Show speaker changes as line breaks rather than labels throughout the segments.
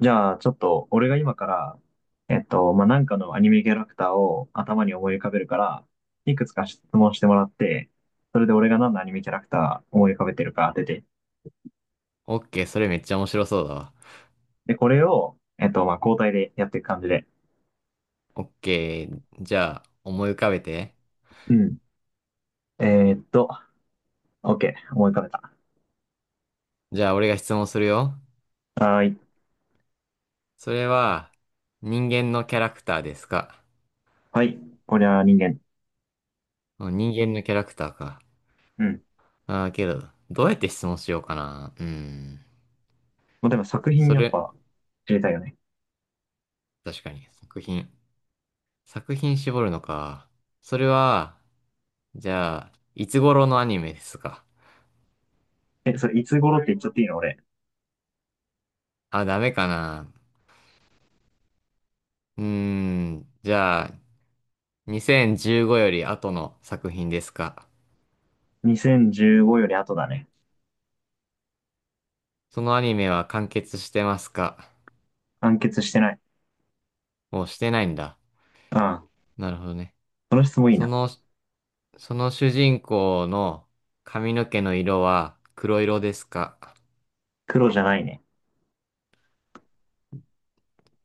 じゃあ、ちょっと、俺が今から、まあ、なんかのアニメキャラクターを頭に思い浮かべるから、いくつか質問してもらって、それで俺が何のアニメキャラクター思い浮かべてるか当てて。
オッケー、それめっちゃ面白そうだわ。
で、これを、まあ、交代でやっていく感じで。
オッケー、じゃあ思い浮かべて。
うん。えーっと、OK、思い浮かべた。
じゃあ俺が質問するよ。
はーい。
それは人間のキャラクターですか？
はい。こりゃ人間。
うん人間のキャラクターか。
うん。
ああ、けど、どうやって質問しようかな。うーん。
もうでも作品
そ
やっ
れ、
ぱ知りたいよね。
確かに、作品。作品絞るのか。それは、じゃあ、いつ頃のアニメですか？
え、それいつ頃って言っちゃっていいの俺？
あ、ダメかな。うーん。じゃあ、2015より後の作品ですか？
2015より後だね。
そのアニメは完結してますか？
完結してない。
もうしてないんだ。
ああ、
なるほどね。
この質問いい
そ
な。
の、その主人公の髪の毛の色は黒色ですか？
黒じゃないね。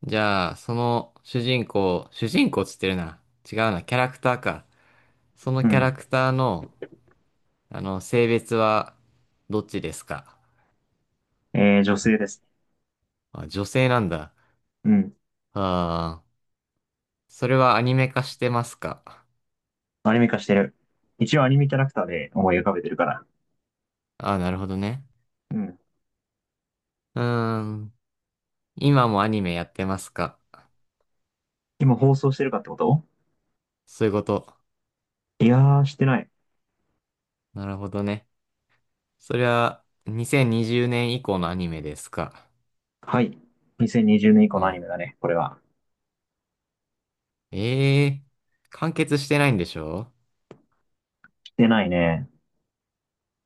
じゃあ、その主人公、主人公っつってるな。違うな、キャラクターか。その
う
キャラ
ん。
クターの、性別はどっちですか？
女性ですね。
あ、女性なんだ。
うん。
ああ、それはアニメ化してますか？
アニメ化してる。一応アニメキャラクターで思い浮かべてるから。
ああ、なるほどね。
うん。
うーん、今もアニメやってますか？
今放送してるかってこと？
そういうこと。
いやー、してない。
なるほどね。そりゃ、2020年以降のアニメですか。
はい。2020年以降
う
のアニメ
ん。
だね、これは。
ええ完結してないんでしょ？
してないね。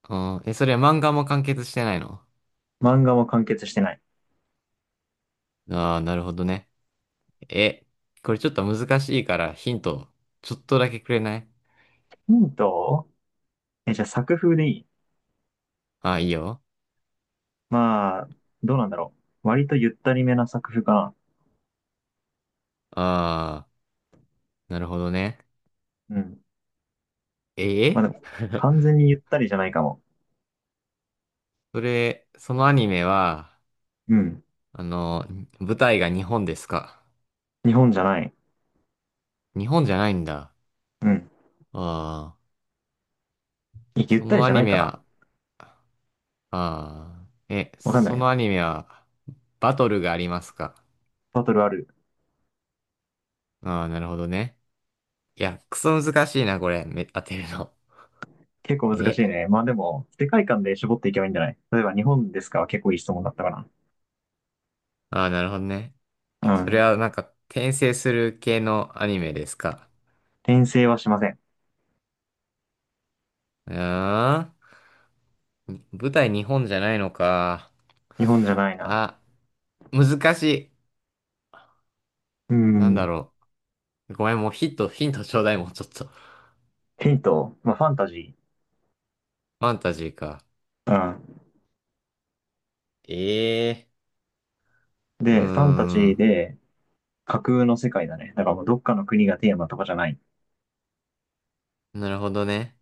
うん。え、それは漫画も完結してないの？
漫画も完結してない。
ああー、なるほどね。え、これちょっと難しいからヒント、ちょっとだけくれない？
ヒント？じゃあ作風でいい？
ああー、いいよ。
まあ、どうなんだろう。割とゆったりめな作風かな。
ああ、なるほどね。
うん。
え
まあで
え
も、完 全にゆったりじゃないかも。
それ、そのアニメは、
うん。
あの、舞台が日本ですか？
日本じゃない。
日本じゃないんだ。
うん。
ああ、
ゆっ
そ
たり
のア
じゃな
ニ
いか
メ
な。
は、ああ。え、
わかんな
そ
い。
のアニメは、バトルがありますか？
バトルある。
ああ、なるほどね。いや、クソ難しいな、これ。当てるの。
結 構難し
え、
いね。まあでも、世界観で絞っていけばいいんじゃない？例えば日本ですかは結構いい質問だったかな。
ああ、なるほどね。
う
それ
ん。
はなんか、転生する系のアニメですか？
転生はしません。
うーん。舞台日本じゃないのか。
日本じゃないな。
あ、難しい。
う
なんだ
ん。
ろう。ごめん、もうヒット、ヒントちょうだい、もうちょっと。フ
ヒント、まあファンタジ
ァンタジーか。
ー。
ええ
うん。
ーう
で、ファンタジ
ー
ー
ん。
で架空の世界だね。だからもうどっかの国がテーマとかじゃない。
なるほどね。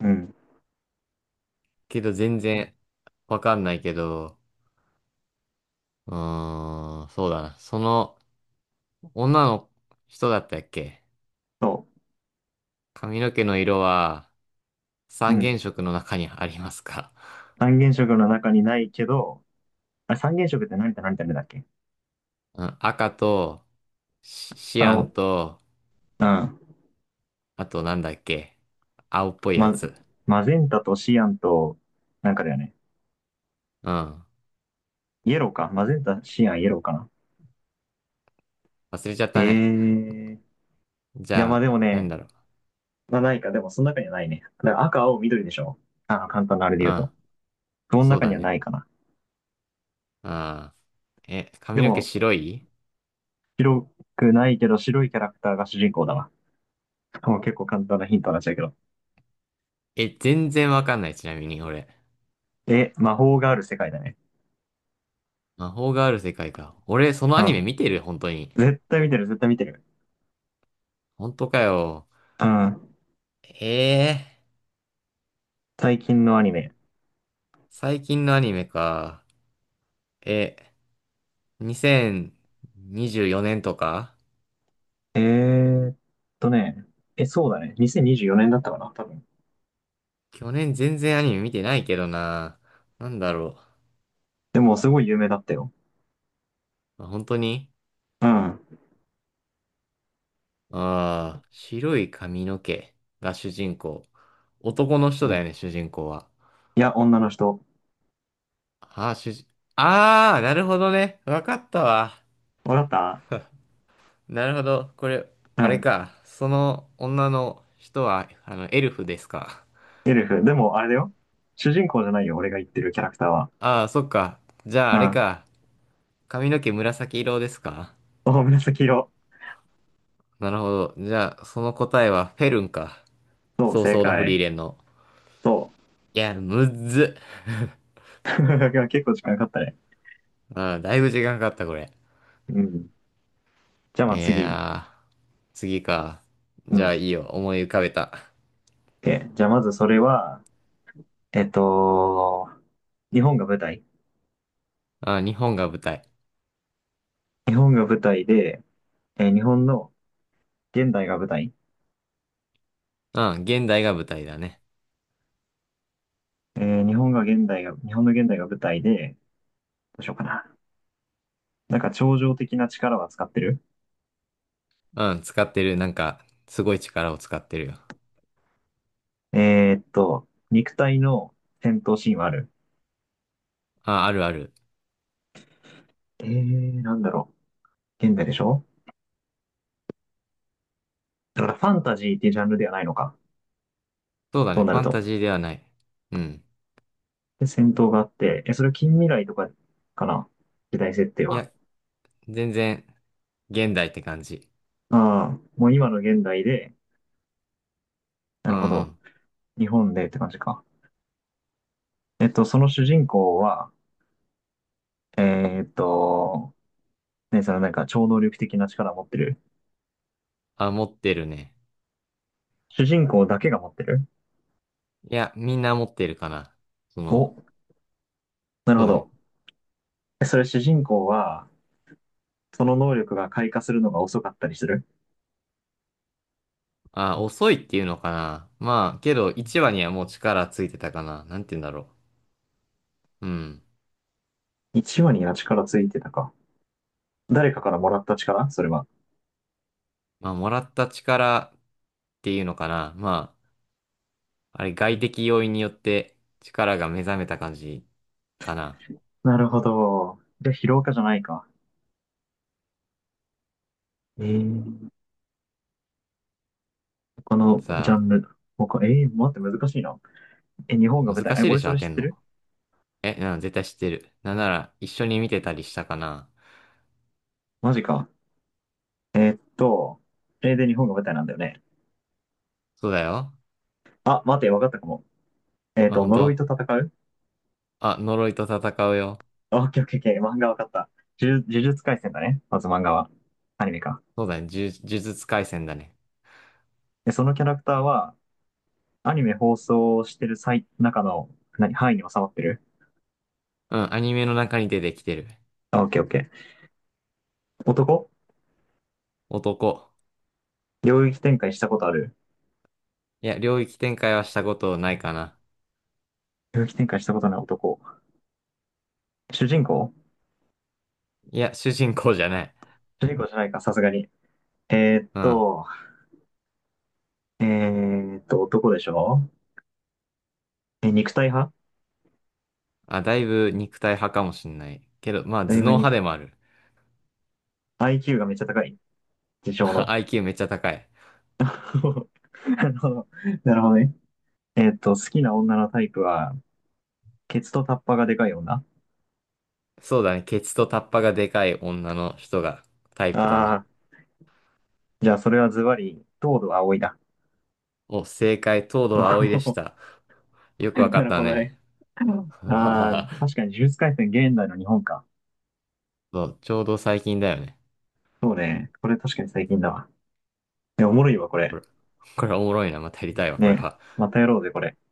うん。
けど全然わかんないけど。うーん、そうだな。その女の人だったっけ？
そ
髪の毛の色は
う。う
三
ん。
原色の中にありますか？
三原色の中にないけど、あれ三原色って何と何と何だっけ？
うん、赤とシ、シア
青。
ンと、
うん。
あとなんだっけ？青っぽいや
ま、
つ。
マゼンタとシアンと、なんかだよね。
うん。
イエローか。マゼンタ、シアン、イエローかな。
忘れちゃっ
え
たね。
ー、い
じ
や、
ゃ
まあで
あ、
も
なん
ね、
だろ
まあないか。でもその中にはないね。だから赤、青、緑でしょ。あの、簡単なあれで
う。う
言う
ん。
と。その
そう
中に
だ
は
ね。
ないかな。
うん。え、
で
髪の毛
も、
白い？
白くないけど白いキャラクターが主人公だわ。もう結構簡単なヒントになっちゃうけど。
え、全然わかんない。ちなみに、俺。
え、魔法がある世界だね。
魔法がある世界か。俺、その
う
アニメ
ん。
見てる本当に。
絶対見てる、絶対見てる。
本当かよ。
うん。
ええー
最近のアニメ。
最近のアニメか。え、2024年とか？
えーっね。え、そうだね。2024年だったかな、多分。
去年全然アニメ見てないけどな。なんだろ
でも、すごい有名だったよ。
う。まあ本当に。
うん。
ああー、白い髪の毛が主人公。男の人
う
だよ
ん。
ね、主人公は。
いや、女の人。
ああ、ああ、なるほどね。わかったわ。
わかっ
なるほど。これ、
た。
あ
う
れ
ん。
か。その女の人は、エルフですか。
エルフ。でも、あれだよ。主人公じゃないよ、俺が言ってるキャラクターは。
ああ、そっか。じゃあ、
う
あれ
ん。
か。髪の毛紫色ですか？
そう、紫色。
なるほど。じゃあ、その答えはフェルンか。
そう、
早
正
々のフリー
解。
レンの。
そう。
いや、むっず。
結構時間かかったね。
うん、だいぶ時間かかった、これ。
うん。じゃあ、
い
まあ次。
やー、次か。
う
じゃあ、
ん。
いいよ。思い浮かべた。
で、じゃあまずそれは、えっと、日本が舞台。
あ、日本が舞台。
日本が舞台で、日本の現代が舞台。
うん、現代が舞台だね。
日本の現代が舞台で、どうしようかな。なんか、超常的な力は使ってる？
うん、使ってる。なんか、すごい力を使ってるよ。
肉体の戦闘シーンはある。
あ、あるある。
なんだろう。現代でしょ？だからファンタジーっていうジャンルではないのか。
そうだ
と
ね。
な
フ
る
ァン
と。
タジーではない。うん。
で、戦闘があって、それは近未来とかかな？時代設定
い
は。
や、全然、現代って感じ。
ああ、もう今の現代で、な
う
るほ
んう
ど。
ん。
日本でって感じか。その主人公は、えーっと、ね、そのなんか超能力的な力を持ってる。
あ、持ってるね。
主人公だけが持ってる？
いや、みんな持ってるかな。そ
お、
の、
なる
そ
ほ
うね。
ど。それ主人公は、その能力が開花するのが遅かったりする？
あ、遅いっていうのかな。まあ、けど1話にはもう力ついてたかな。なんて言うんだろう。うん。
一話には力ついてたか。誰かからもらった力それは。
まあ、もらった力っていうのかな。まあ、あれ外的要因によって力が目覚めた感じかな。
なるほど。じゃあ、疲労かじゃないか。えー、このジャ
さ
ンル。他、待って、難しいな。日本が
あ、
舞台。
難
え、
しいで
俺
し
そ
ょ、当
れ
て
知っ
ん
て
の？
る？
え、絶対知ってる。なんなら一緒に見てたりしたかな。
マジか。と、で、日本が舞台なんだよね。
そうだよ。
あ、待って、わかったかも。
あ、本
呪い
当？
と戦う？
あ、呪いと戦うよ。
あ、オッケーオッケーオッケー。漫画わかった。呪術廻戦だね。まず漫画は。アニメか。
そうだね。呪術廻戦だね。
で、そのキャラクターは、アニメ放送してる最、中の、何、範囲に収まってる？
うん、アニメの中に出てきてる。
あ、オッケーオッケー。男？
男。
領域展開したことある？
いや、領域展開はしたことないかな。
領域展開したことない男。主人公？
いや、主人公じゃない。
主人公じゃないか、さすがに。えーっ
うん。
と、男でしょ？え、肉体派？
あ、だいぶ肉体派かもしんない。けど、まあ、
だ
頭脳
いぶ
派
に、
でもある。
IQ がめっちゃ高い。自 称
あ
の。
IQ めっちゃ高い。
なるほど。なるほどね。好きな女のタイプは、ケツとタッパがでかい女？
そうだね。ケツとタッパがでかい女の人がタイプだね。
ああ、じゃあそれはズバリ、東堂葵だ。
お、正解、東堂葵でした。よくわか
な
っ
る
た
ほど
ね。
ね。ああ、確 かに呪術廻戦現代の日本か。
そう、ちょうど最近だよね。
そうね。これ確かに最近だわ。え、おもろいわ、こ
こ
れ。
れ、これおもろいな。またやりたいわ、これ
ね。
は。
またやろうぜ、これ。